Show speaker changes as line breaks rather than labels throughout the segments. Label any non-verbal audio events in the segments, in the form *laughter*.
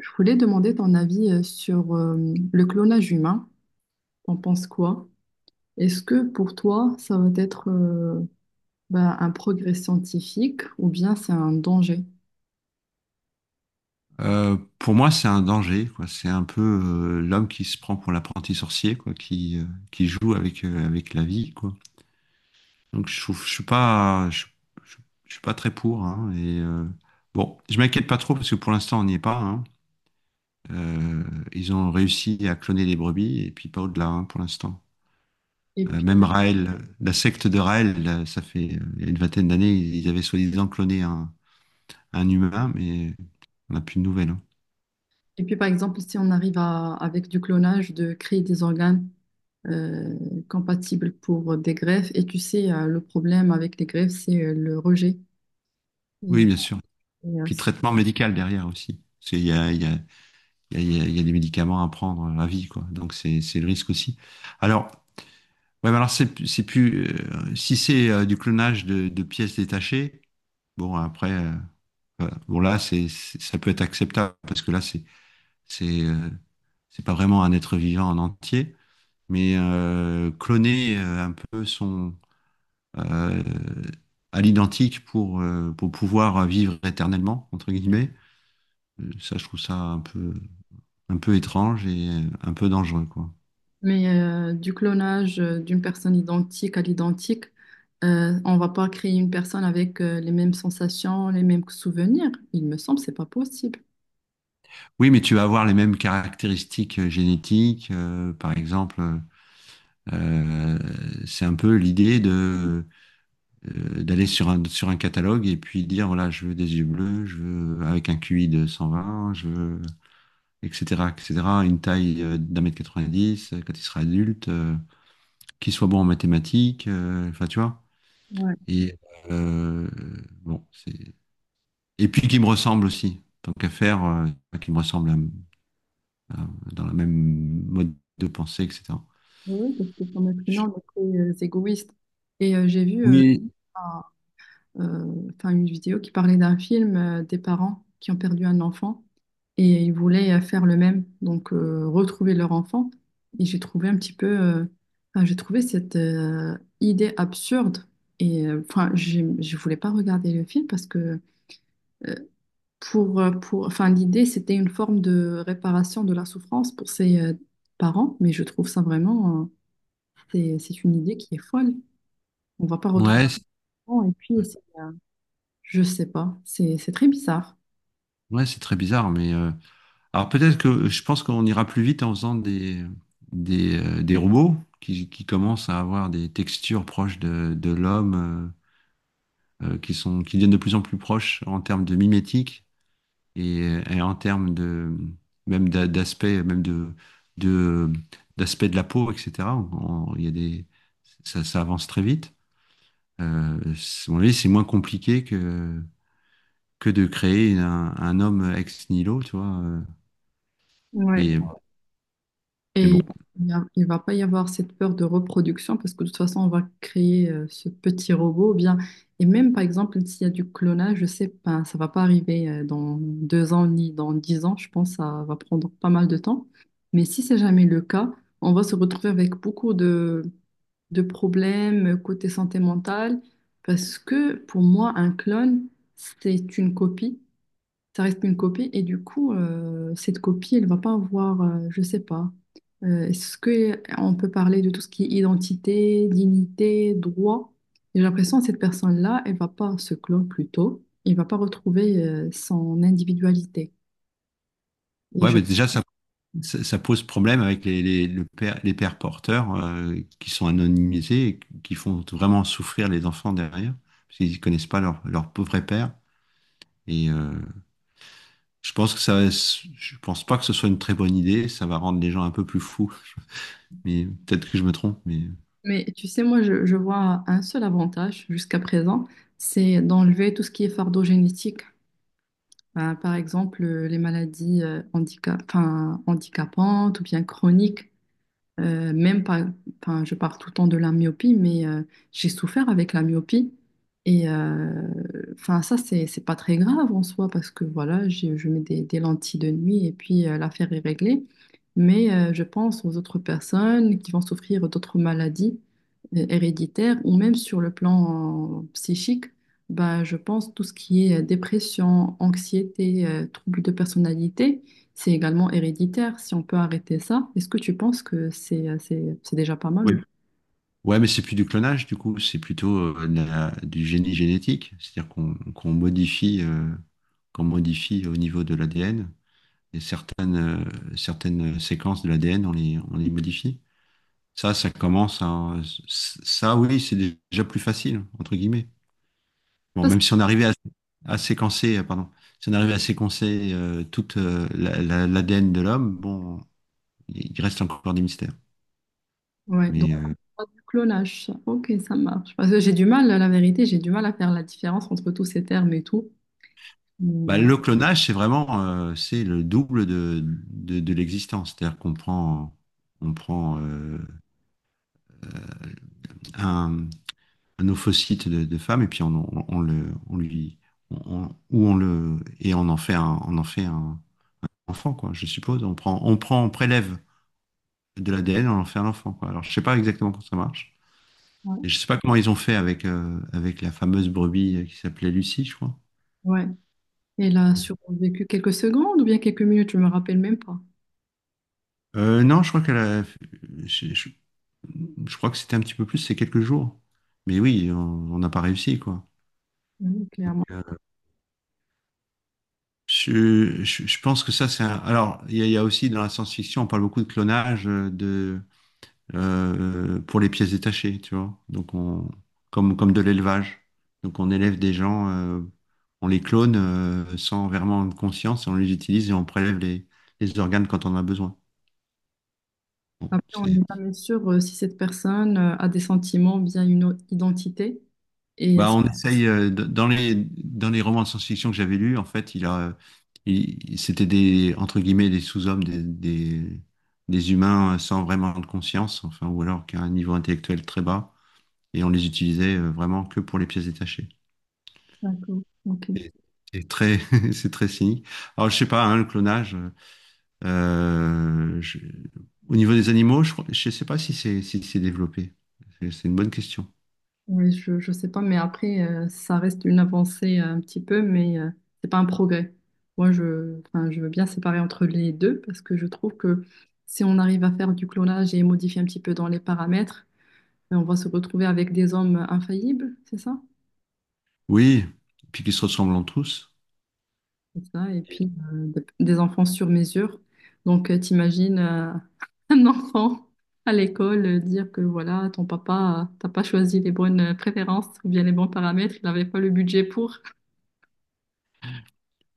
Je voulais demander ton avis sur le clonage humain. T'en penses quoi? Est-ce que pour toi, ça va être un progrès scientifique ou bien c'est un danger?
Pour moi, c'est un danger, quoi. C'est un peu l'homme qui se prend pour l'apprenti sorcier, quoi, qui joue avec, avec la vie, quoi. Donc, je trouve, je- je suis pas très pour, hein. Bon, je m'inquiète pas trop parce que pour l'instant, on n'y est pas, hein. Euh, Ils ont réussi à cloner les brebis et puis pas au-delà, hein, pour l'instant.
Et puis,
Même Raël, la secte de Raël, là, ça fait il y a une vingtaine d'années, ils avaient soi-disant un humain, mais on n'a plus de nouvelles, hein.
et puis, par exemple, si on arrive à, avec du clonage, de créer des organes euh, compatibles pour des greffes, et tu sais, le problème avec les greffes, c'est le rejet.
Oui,
Et,
bien sûr.
et, euh,
Puis traitement médical derrière aussi. Parce qu'il y a, il y a, il y a, il y a des médicaments à prendre à vie, quoi. Donc c'est le risque aussi. Alors, ouais, mais alors c'est plus, si c'est du clonage de pièces détachées, bon après, voilà. Bon là ça peut être acceptable parce que là c'est, euh, c'est pas vraiment un être vivant en entier, mais cloner un peu son euh, à l'identique pour pouvoir vivre éternellement entre guillemets. Ça, je trouve ça un peu étrange et un peu dangereux, quoi.
Mais du clonage d'une personne identique à l'identique, on va pas créer une personne avec les mêmes sensations, les mêmes souvenirs. Il me semble, c'est pas possible.
Oui, mais tu vas avoir les mêmes caractéristiques génétiques. Par exemple, euh, c'est un peu l'idée de d'aller sur un catalogue et puis dire voilà, je veux des yeux bleus, je veux avec un QI de 120, je veux etc. etc. Une taille d'un mètre 90 quand il sera adulte, qu'il soit bon en mathématiques, enfin tu vois.
Ouais.
Et euh, bon, c'est et puis qui me ressemble aussi. Tant qu'à faire, qui me ressemble euh, dans le même mode de pensée, etc.
Oui, parce que comme être humain, on est très égoïste. Et j'ai vu
Oui.
enfin une vidéo qui parlait d'un film des parents qui ont perdu un enfant et ils voulaient faire le même, donc retrouver leur enfant. Et j'ai trouvé un petit peu, enfin, j'ai trouvé cette idée absurde. Et enfin, je voulais pas regarder le film parce que euh, pour, enfin, l'idée c'était une forme de réparation de la souffrance pour ses parents, mais je trouve ça vraiment, c'est une idée qui est folle. On va pas retrouver.
Ouais, c'est-
Et puis, je sais pas, c'est très bizarre.
ouais, c'est très bizarre, mais alors peut-être que je pense qu'on ira plus vite en faisant des robots qui commencent à avoir des textures proches de l'homme, qui sont, qui deviennent de plus en plus proches en termes de mimétique et, et en termes de même d'aspect, même de d'aspect de la peau, etc. Il y a des, ça avance très vite. À mon avis, c'est moins compliqué que de créer un homme ex nihilo, tu vois.
Ouais.
Mais, mais
Et
bon.
il va pas y avoir cette peur de reproduction parce que de toute façon, on va créer ce petit robot. Ou bien. Et même, par exemple, s'il y a du clonage, je sais pas, ça va pas arriver dans deux ans ni dans dix ans. Je pense que ça va prendre pas mal de temps. Mais si c'est jamais le cas, on va se retrouver avec beaucoup de problèmes côté santé mentale parce que pour moi, un clone, c'est une copie, ça reste une copie et du coup, cette copie, elle va pas avoir, je sais pas, est-ce que on peut parler de tout ce qui est identité, dignité, droit? J'ai l'impression que cette personne-là, elle va pas se clore plus tôt, elle va pas retrouver son individualité. Et
Ouais,
je...
mais déjà, ça pose problème avec les pères porteurs qui sont anonymisés et qui font vraiment souffrir les enfants derrière, parce qu'ils ne connaissent pas leur pauvre père. Et je pense que ça, je pense pas que ce soit une très bonne idée. Ça va rendre les gens un peu plus fous. Mais peut-être que je me trompe. Mais…
Mais tu sais, moi, je vois un seul avantage jusqu'à présent, c'est d'enlever tout ce qui est fardeau génétique. Ben, par exemple, les maladies handicap... enfin, handicapantes ou bien chroniques. Même pas, enfin, je parle tout le temps de la myopie, mais j'ai souffert avec la myopie. Et enfin, ça, c'est pas très grave en soi parce que voilà, je mets des lentilles de nuit et puis l'affaire est réglée. Mais je pense aux autres personnes qui vont souffrir d'autres maladies héréditaires ou même sur le plan psychique. Bah, je pense tout ce qui est dépression, anxiété, troubles de personnalité, c'est également héréditaire. Si on peut arrêter ça, est-ce que tu penses que c'est c'est déjà pas mal
Oui.
ou
Ouais, mais c'est plus du clonage, du coup, c'est plutôt du génie génétique, c'est-à-dire qu'on modifie, qu'on modifie au niveau de l'ADN, et certaines séquences de l'ADN, on les modifie. Ça, oui, c'est déjà plus facile, entre guillemets. Bon,
ça,
même
c'est-
si on arrivait à séquencer, pardon, si on arrivait à séquencer toute l'ADN de l'homme, bon, il reste encore des mystères.
ouais, donc
Mais euh,
pas du clonage, ça. Ok, ça marche. Parce que j'ai du mal, la vérité, j'ai du mal à faire la différence entre tous ces termes et tout. Mais,
Bah, le clonage, c'est vraiment c'est le double de l'existence. C'est-à-dire qu'on prend, on prend un, un ophocyte de femme et puis on le, on lui, on, on- ou on le, et on en fait un enfant, quoi, je suppose. On prélève de l'ADN, on en fait un enfant, quoi. Alors, je sais pas exactement comment ça marche. Et
ouais.
je sais pas comment ils ont fait avec, avec la fameuse brebis qui s'appelait Lucie, je crois.
Ouais. Et là, survécu quelques secondes ou bien quelques minutes, je me rappelle même pas.
Non, je crois qu'elle a, je, je- je crois que c'était un petit peu plus, c'est quelques jours. Mais oui, on n'a pas réussi, quoi.
Oui, clairement.
Euh, je pense que ça, c'est un… Alors, il y a aussi dans la science-fiction, on parle beaucoup de clonage pour les pièces détachées, tu vois. Comme, comme de l'élevage. Donc, on élève des gens, on les clone sans vraiment conscience, et on les utilise et on prélève les organes quand on en a besoin. Bon,
Après, on
c'est…
n'est jamais sûr si cette personne a des sentiments, bien une autre identité. Et
Bah, on essaye dans les romans de science-fiction que j'avais lus, en fait, c'était des entre guillemets des sous-hommes, des humains sans vraiment de conscience, enfin ou alors qui a un niveau intellectuel très bas, et on les utilisait vraiment que pour les pièces détachées.
D'accord. Ok.
C'est c'est très *laughs* c'est très cynique. Alors je sais pas, hein, le clonage. euh, je- au niveau des animaux, je sais pas si c'est si c'est développé. C'est une bonne question.
Oui, je sais pas, mais après, ça reste une avancée un petit peu, mais c'est pas un progrès. Moi, je, enfin, je veux bien séparer entre les deux parce que je trouve que si on arrive à faire du clonage et modifier un petit peu dans les paramètres, ben, on va se retrouver avec des hommes infaillibles, c'est ça?
Oui, puis qu'ils se ressemblent tous.
C'est ça, et puis des enfants sur mesure. Donc, t'imagines *laughs* un enfant à l'école dire que voilà, ton papa, t'as pas choisi les bonnes préférences ou bien les bons paramètres, il n'avait pas le budget pour.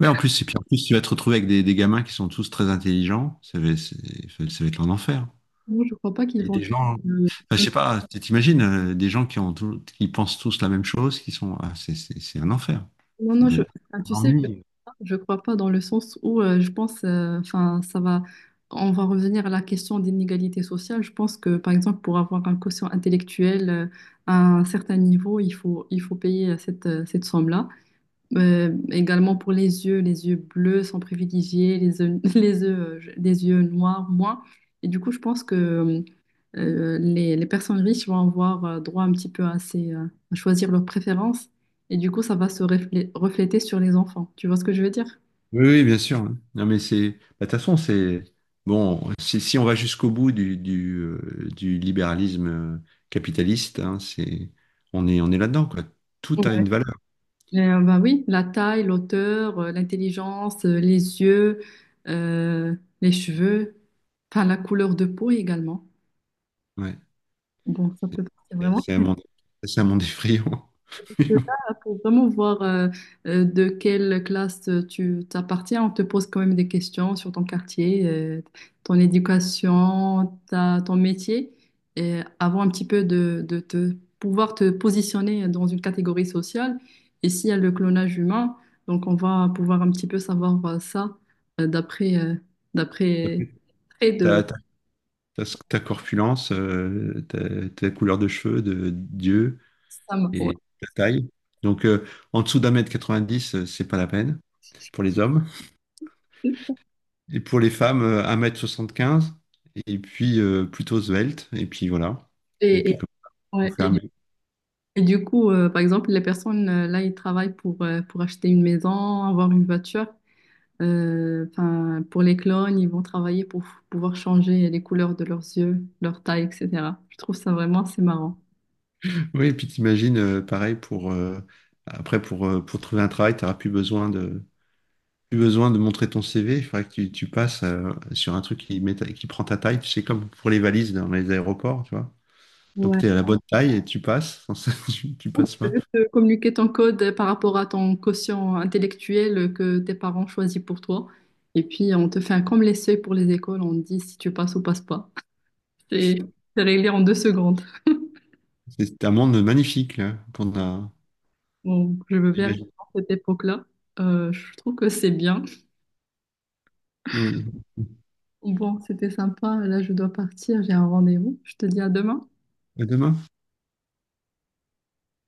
Ouais, en plus, et puis en plus, tu vas te retrouver avec des gamins qui sont tous très intelligents. Ça va être un enfer.
Non, je crois pas qu'ils
Et
vont.
des gens, enfin,
Euh,
je sais pas, tu t'imagines, des gens qui ont qui pensent tous la même chose, qui sont, ah, c'est un enfer.
Non,
Ça
non,
doit
je,
être
enfin,
un
tu sais,
ennui.
je crois pas dans le sens où je pense, enfin, ça va, on va revenir à la question d'inégalité sociale. Je pense que, par exemple, pour avoir un quotient intellectuel à un certain niveau, il faut payer cette somme-là. Également pour les yeux bleus sont privilégiés, *laughs* les yeux noirs moins. Et du coup, je pense que les personnes riches vont avoir droit un petit peu à choisir leurs préférences et du coup, ça va se refléter sur les enfants. Tu vois ce que je veux dire?
Oui, oui, bien sûr. Non, mais c'est, bah, de toute façon, c'est, si on va jusqu'au bout du libéralisme capitaliste, hein, c'est, on est là-dedans, quoi. Tout a
Ouais.
une valeur.
Bah oui, la taille, l'auteur, l'intelligence, les yeux, euh, les cheveux, enfin la couleur de peau également.
Ouais.
Bon, ça peut partir
C'est
vraiment.
c'est un monde, c'est un monde effrayant. *laughs*
Là, pour vraiment voir de quelle classe tu t'appartiens, on te pose quand même des questions sur ton quartier, ton éducation, ton métier, et avant un petit peu de te pouvoir te positionner dans une catégorie sociale. Et s'il y a le clonage humain, donc on va pouvoir un petit peu savoir ça euh, d'après euh, d'après trait
ta
de
t'as- T'as ta corpulence, ta couleur de cheveux, de d'yeux
Sam. Ouais.
et ta taille. Donc, en dessous d'un mètre 90, c'est pas la peine pour les hommes. Et pour les femmes, un mètre m 75 et puis plutôt svelte. Et puis voilà. Et
Et,
puis,
et-
comme on
ouais,
fait un
et
mec.
Et du coup, par exemple, les personnes, là, ils travaillent pour acheter une maison, avoir une voiture. Enfin, pour les clones, ils vont travailler pour pouvoir changer les couleurs de leurs yeux, leur taille, etc. Je trouve ça vraiment assez marrant.
Oui, et puis t'imagines, pareil, pour trouver un travail, t'auras plus besoin de montrer ton CV. Il faudrait que tu passes sur un truc qui prend ta taille. Tu sais, comme pour les valises dans les aéroports, tu vois. Donc
Ouais.
tu es à la bonne taille et tu passes. Sans ça, *laughs* tu passes
T'as
pas.
vu communiquer ton code par rapport à ton quotient intellectuel que tes parents choisissent pour toi. Et puis, on te fait un comme les seuils pour les écoles, on te dit si tu passes ou passes pas. *laughs* C'est c'est réglé en deux secondes.
C'est un monde magnifique là, qu'on a
Bon, je veux bien aller
imaginé.
à cette époque-là. Je trouve que c'est bien.
Oui.
Bon, c'était sympa. Là, je dois partir. J'ai un rendez-vous. Je te dis à demain.
À demain.